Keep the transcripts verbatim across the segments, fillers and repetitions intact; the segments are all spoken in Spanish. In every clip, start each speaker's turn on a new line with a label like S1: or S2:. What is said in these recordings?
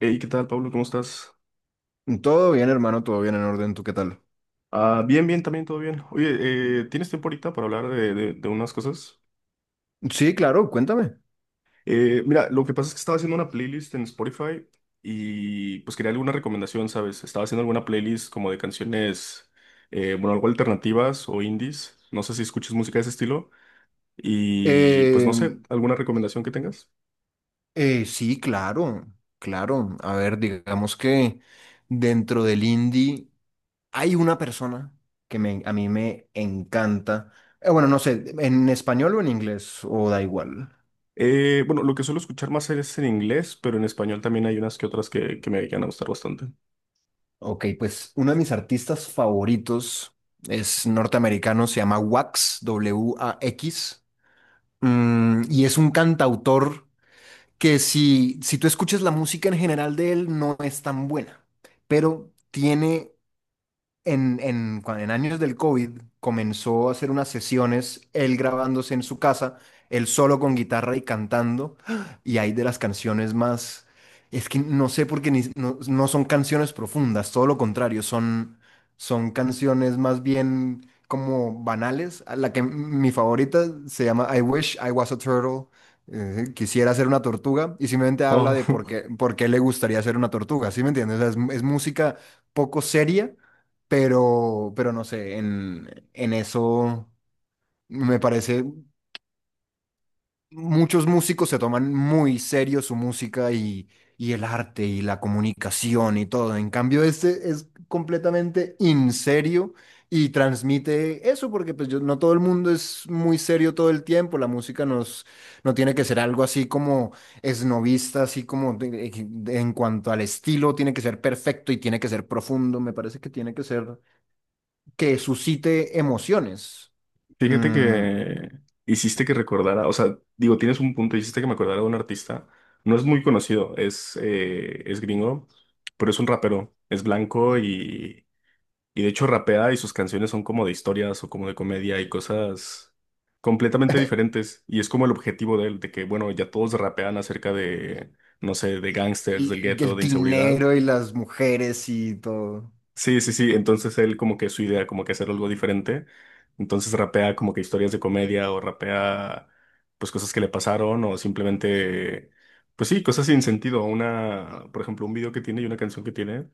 S1: Hey, ¿qué tal, Pablo? ¿Cómo estás?
S2: Todo bien, hermano, todo bien en orden. ¿Tú qué tal?
S1: Ah, bien, bien, también todo bien. Oye, eh, ¿tienes tiempo ahorita para hablar de, de- de unas cosas?
S2: Sí, claro, cuéntame.
S1: Eh, mira, lo que pasa es que estaba haciendo una playlist en Spotify y pues quería alguna recomendación, ¿sabes? Estaba haciendo alguna playlist como de canciones, eh, bueno, algo alternativas o indies. No sé si escuchas música de ese estilo y pues no
S2: Eh,
S1: sé, alguna recomendación que tengas.
S2: eh, sí, claro, claro. A ver, digamos que dentro del indie hay una persona que me, a mí me encanta. Eh, bueno, no sé, en español o en inglés, o da igual.
S1: Eh, bueno, lo que suelo escuchar más es en inglés, pero en español también hay unas que otras que, que me llegan a gustar bastante.
S2: Ok, pues uno de mis artistas favoritos es norteamericano, se llama Wax, W A X, mm, y es un cantautor. que si, si tú escuchas la música en general de él, no es tan buena, pero tiene en, en, cuan- en años del COVID comenzó a hacer unas sesiones, él grabándose en su casa, él solo con guitarra y cantando, y hay de las canciones más, es que no sé por qué ni- no, no son canciones profundas, todo lo contrario, son, son canciones más bien como banales. A La que mi favorita se llama I Wish I Was a Turtle. Eh, quisiera ser una tortuga y simplemente habla
S1: Oh.
S2: de por qué, por qué le gustaría ser una tortuga, ¿sí me entiendes? O sea, es es música poco seria, pero, pero no sé, en, en eso me parece, muchos músicos se toman muy serio su música y, y el arte y la comunicación y todo. En cambio, este es completamente in serio y transmite eso, porque pues yo- no todo el mundo es muy serio todo el tiempo. La música nos, no tiene que ser algo así como esnovista, así como de- de- en cuanto al estilo, tiene que ser perfecto y tiene que ser profundo. Me parece que tiene que ser que suscite emociones.
S1: Fíjate
S2: Mm,
S1: que hiciste que recordara, o sea, digo, tienes un punto, hiciste que me acordara de un artista. No es muy conocido, es, eh, es gringo, pero es un rapero, es blanco y, y de hecho rapea y sus canciones son como de historias o como de comedia y cosas completamente diferentes. Y es como el objetivo de él, de que, bueno, ya todos rapean acerca de, no sé, de gángsters, del
S2: el,
S1: gueto,
S2: el
S1: de inseguridad.
S2: dinero y las mujeres y todo.
S1: Sí, sí, sí. Entonces él como que su idea, como que hacer algo diferente. Entonces rapea como que historias de comedia o rapea pues cosas que le pasaron o simplemente, pues sí, cosas sin sentido. Una, por ejemplo, un video que tiene y una canción que tiene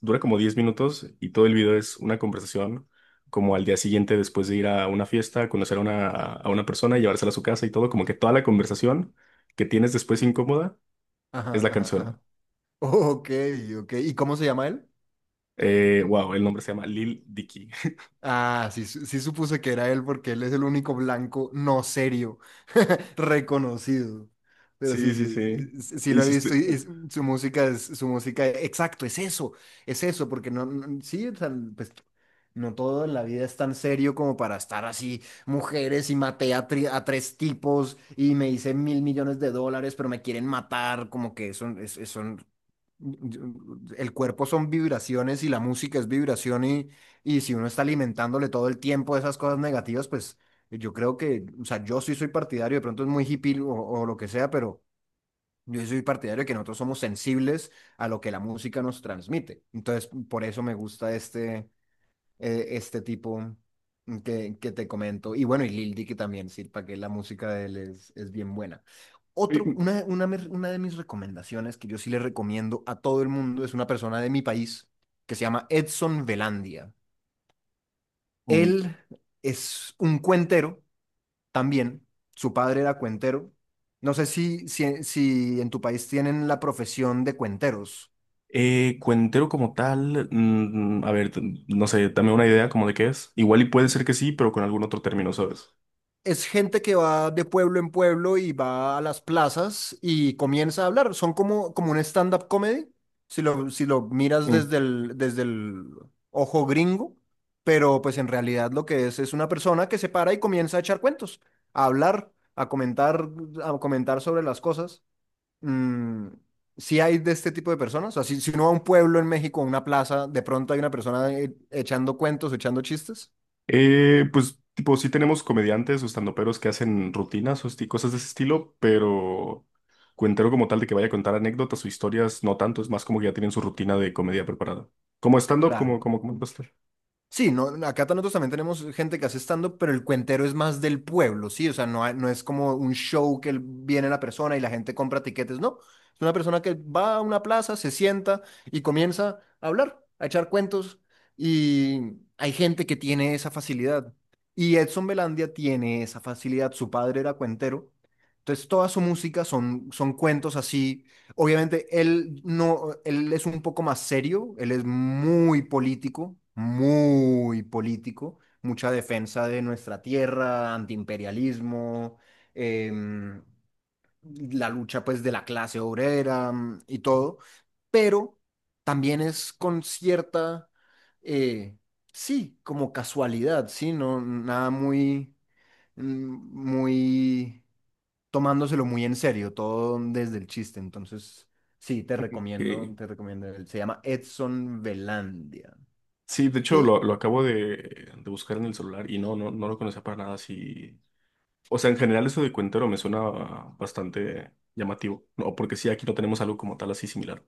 S1: dura como diez minutos y todo el video es una conversación como al día siguiente después de ir a una fiesta, a conocer a una, a una persona y llevársela a su casa y todo, como que toda la conversación que tienes después incómoda es
S2: Ajá,
S1: la
S2: ajá,
S1: canción.
S2: ajá. Ok, ok. ¿Y cómo se llama él?
S1: Eh, wow, el nombre se llama Lil Dicky.
S2: Ah, sí, su- sí supuse que era él porque él es el único blanco no serio reconocido. Pero sí,
S1: Sí,
S2: sí,
S1: sí, sí.
S2: sí sí lo he visto
S1: Hiciste.
S2: y es- su música es su música, exacto, es eso, es eso, porque no, no- sí, o sea, pues no todo en la vida es tan serio como para estar así, mujeres y maté a, tri- a tres tipos y me hice mil millones de dólares, pero me quieren matar, como que son, es- es- son, el cuerpo son vibraciones y la música es vibración y, y si uno está alimentándole todo el tiempo esas cosas negativas, pues yo creo que, o sea, yo sí soy partidario, de pronto es muy hippie o, o lo que sea, pero yo sí soy partidario de que nosotros somos sensibles a lo que la música nos transmite. Entonces, por eso me gusta este, eh, este tipo que, que te comento. Y bueno, y Lil Dicky también, sí, para que la música de él es, es bien buena. Otro, una, una, me- Una de mis recomendaciones que yo sí le recomiendo a todo el mundo es una persona de mi país que se llama Edson Belandia.
S1: Mm.
S2: Él es un cuentero también, su padre era cuentero. No sé si, si, si en tu país tienen la profesión de cuenteros.
S1: Eh, cuentero como tal, mm, a ver, t- no sé, dame una idea como de qué es. Igual y puede ser que sí, pero con algún otro término, ¿sabes?
S2: Es gente que va de pueblo en pueblo y va a las plazas y comienza a hablar. Son como, como un stand-up comedy, si lo, si lo miras
S1: Mm.
S2: desde el, desde el ojo gringo, pero pues en realidad lo que es es una persona que se para y comienza a echar cuentos, a hablar, a comentar, a comentar sobre las cosas. Mm, sí hay de este tipo de personas. O sea, si, si uno va a un pueblo en México, a una plaza, de pronto hay una persona eh, echando cuentos, echando chistes.
S1: Eh, pues, tipo, sí tenemos comediantes o standuperos que hacen rutinas o esti- cosas de ese estilo, pero cuentero como tal de que vaya a contar anécdotas o historias, no tanto, es más como que ya tienen su rutina de comedia preparada. Como stand-up,
S2: Claro,
S1: como, como, como...
S2: sí, no, acá ta- nosotros también tenemos gente que hace stand-up, pero el cuentero es más del pueblo, ¿sí? O sea, no, hay- no es como un show que el- viene la persona y la gente compra tiquetes, no. Es una persona que va a una plaza, se sienta y comienza a hablar, a echar cuentos. Y hay gente que tiene esa facilidad. Y Edson Belandia tiene esa facilidad. Su padre era cuentero. Entonces, toda su música son, son cuentos así. Obviamente, él no, él es un poco más serio, él es muy político, muy político, mucha defensa de nuestra tierra, antiimperialismo, em, la lucha pues de la clase obrera mm, y todo, pero también es con cierta, eh, sí, como casualidad, sí, no, nada muy, mm, muy tomándoselo muy en serio, todo desde el chiste. Entonces, sí, te recomiendo,
S1: Ok.
S2: te recomiendo él. Se llama Edson Belandia.
S1: Sí, de hecho
S2: Y,
S1: lo, lo acabo de, de buscar en el celular y no, no, no lo conocía para nada. Sí. O sea, en general eso de cuentero me suena bastante llamativo. No, porque sí, aquí no tenemos algo como tal así similar.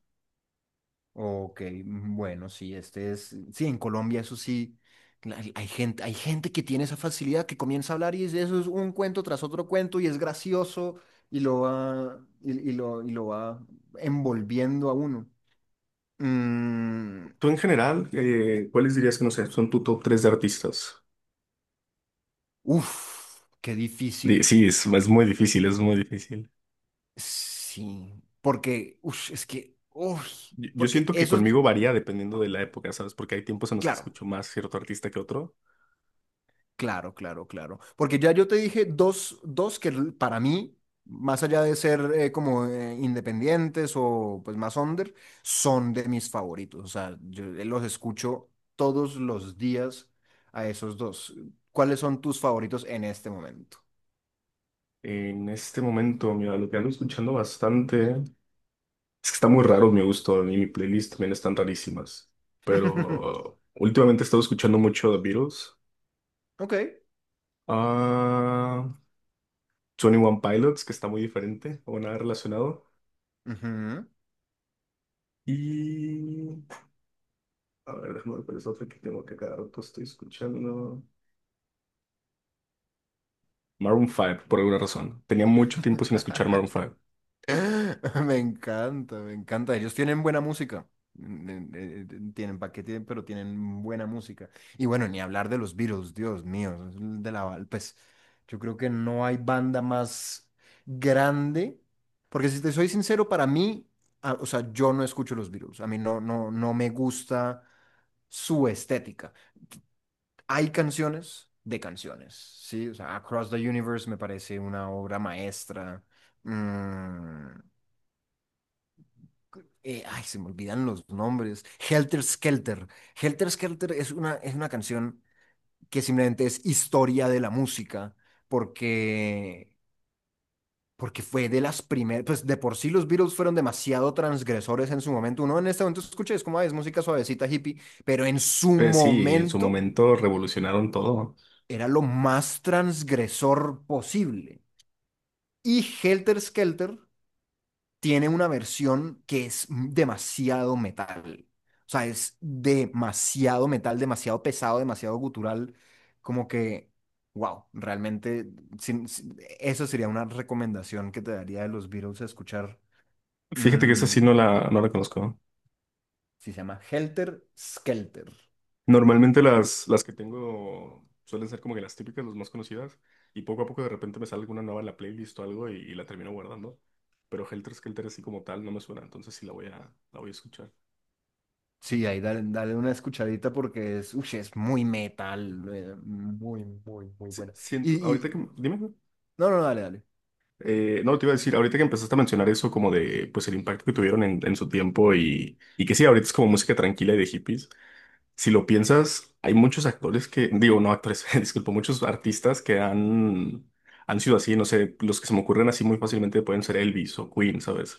S2: ok, bueno, sí, este es, sí, en Colombia eso sí, hay, hay gente, hay gente que tiene esa facilidad que comienza a hablar y dice, eso es un cuento tras otro cuento y es gracioso y lo va, y, y lo, y lo va envolviendo a uno. Mm,
S1: Tú en general, eh, ¿cuáles dirías que no sé, son tu top tres de artistas?
S2: uf, qué
S1: Di-
S2: difícil.
S1: Sí, es, es muy difícil, es muy difícil.
S2: Sí, porque, uff, es que, uff,
S1: Yo yo
S2: porque
S1: siento que
S2: eso es,
S1: conmigo varía dependiendo de la época, ¿sabes? Porque hay tiempos en los que
S2: claro,
S1: escucho más cierto artista que otro.
S2: claro, claro, claro. Porque ya yo te dije dos, dos que l- para mí, más allá de ser eh, como eh, independientes o pues más under, son de mis favoritos. O sea, yo los escucho todos los días a esos dos. ¿Cuáles son tus favoritos en este momento?
S1: En este momento, mira, lo que ando escuchando bastante es que está muy raro mi gusto y mi playlist también están rarísimas. Pero últimamente he estado escuchando mucho The Beatles.
S2: Ok.
S1: Ah, twenty One Pilots, que está muy diferente o nada relacionado.
S2: Ujú.
S1: Y a ver, déjame ver cuál es otra que tengo que cada rato estoy escuchando. Maroon cinco, por alguna razón. Tenía mucho tiempo sin escuchar Maroon cinco.
S2: Me encanta, me encanta. Ellos tienen buena música. Mm, eh, eh, Tienen paquete, pero tienen buena música. Y bueno, ni hablar de los Beatles, Dios mío. Es De la, pues yo creo que no hay banda más grande. Porque si te soy sincero, para mí, a- o sea, yo no escucho los Beatles. A mí no, no, no me gusta su estética. Hay canciones de canciones, ¿sí? O sea, Across the Universe me parece una obra maestra. Mm, eh, Ay, se me olvidan los nombres. Helter Skelter. Helter Skelter es una, es una canción que simplemente es historia de la música, porque, porque fue de las primeras, pues de por sí los Beatles fueron demasiado transgresores en su momento. Uno en este momento escucha, y es como, "Ay, es música suavecita, hippie, pero en su
S1: Eh, sí, en su
S2: momento
S1: momento revolucionaron todo.
S2: era lo más transgresor posible". Y Helter Skelter tiene una versión que es demasiado metal. O sea, es demasiado metal, demasiado pesado, demasiado gutural. Como que, wow, realmente sin- sin- eso sería una recomendación que te daría de los Beatles a escuchar.
S1: Fíjate que esa sí no
S2: Mm,
S1: la, no la conozco.
S2: sí, se llama Helter Skelter.
S1: Normalmente las, las que tengo suelen ser como que las típicas, las más conocidas. Y poco a poco de repente me sale alguna nueva en la playlist o algo y, y la termino guardando. Pero Helter Skelter así como tal no me suena, entonces sí la voy a, la voy a escuchar.
S2: Sí, ahí dale, dale una escuchadita porque es, uy, es muy metal, eh, muy, muy, muy
S1: Sí,
S2: buena. Y,
S1: siento, ahorita
S2: y,
S1: que... Dime.
S2: no, no, dale, dale.
S1: Eh, no, te iba a decir, ahorita que empezaste a mencionar eso como de, pues el impacto que tuvieron en, en su tiempo y, y que sí, ahorita es como música tranquila y de hippies. Si lo piensas, hay muchos actores que, digo, no actores, disculpo, muchos artistas que han, han sido así, no sé, los que se me ocurren así muy fácilmente pueden ser Elvis o Queen, ¿sabes?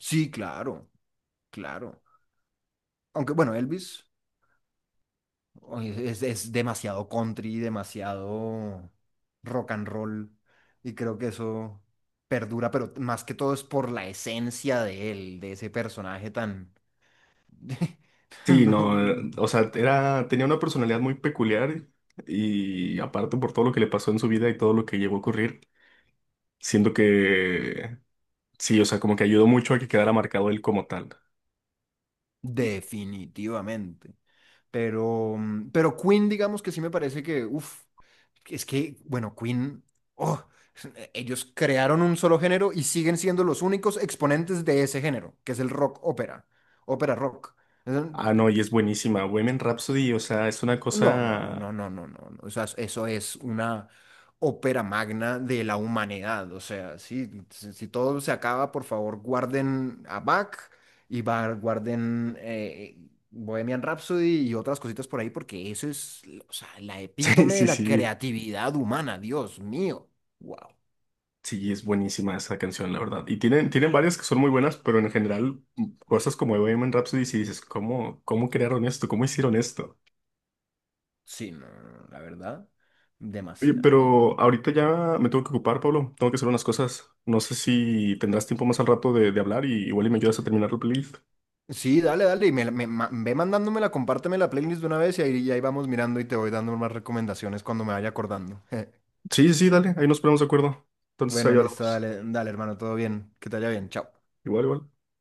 S2: Sí, claro, claro. Aunque bueno, Elvis. Oye, Es, es demasiado country, demasiado rock and roll. Y creo que eso perdura, pero más que todo es por la esencia de él, de ese personaje tan...
S1: Sí,
S2: No,
S1: no, eh, o sea, era, tenía una personalidad muy peculiar y aparte por todo lo que le pasó en su vida y todo lo que llegó a ocurrir, siento que sí, o sea, como que ayudó mucho a que quedara marcado él como tal.
S2: definitivamente. Pero, mm, pero Queen, digamos que sí me parece que, uff, es que, bueno, Queen, oh, ellos crearon un solo género y siguen siendo los únicos exponentes de ese género, que es el rock ópera, ópera rock.
S1: Ah, no, y es buenísima. Women Rhapsody, o sea, es una
S2: No, no, no,
S1: cosa.
S2: no, no, no, no, no. O sea, eso es una ópera magna de la humanidad. O sea, sí, si, si todo se acaba, por favor, guarden a Bach y va- guarden eh, Bohemian Rhapsody y otras cositas por ahí, porque eso es, o sea, la
S1: Sí,
S2: epítome de
S1: sí,
S2: la
S1: sí.
S2: creatividad humana. Dios mío. Wow.
S1: Sí, es buenísima esa canción, la verdad. Y tienen, tienen varias que son muy buenas, pero en general, mm, cosas como Women Rhapsody, si dices, ¿cómo, cómo crearon esto? ¿Cómo hicieron esto?
S2: Sí, no, no, no, la verdad,
S1: Oye,
S2: demasiado.
S1: pero ahorita ya me tengo que ocupar, Pablo. Tengo que hacer unas cosas. No sé si tendrás tiempo más al rato de, de hablar y igual y me ayudas a terminar la playlist.
S2: Sí, dale, dale, y me, la- me ma- ve mandándomela, compárteme la playlist de una vez y ahí, y ahí vamos mirando y te voy dando más recomendaciones cuando me vaya acordando.
S1: Sí, sí, sí, dale. Ahí nos ponemos de acuerdo. Entonces
S2: Bueno,
S1: ahí
S2: listo,
S1: hablamos.
S2: dale, dale, hermano, todo bien, que te vaya bien, chao.
S1: Igual, igual.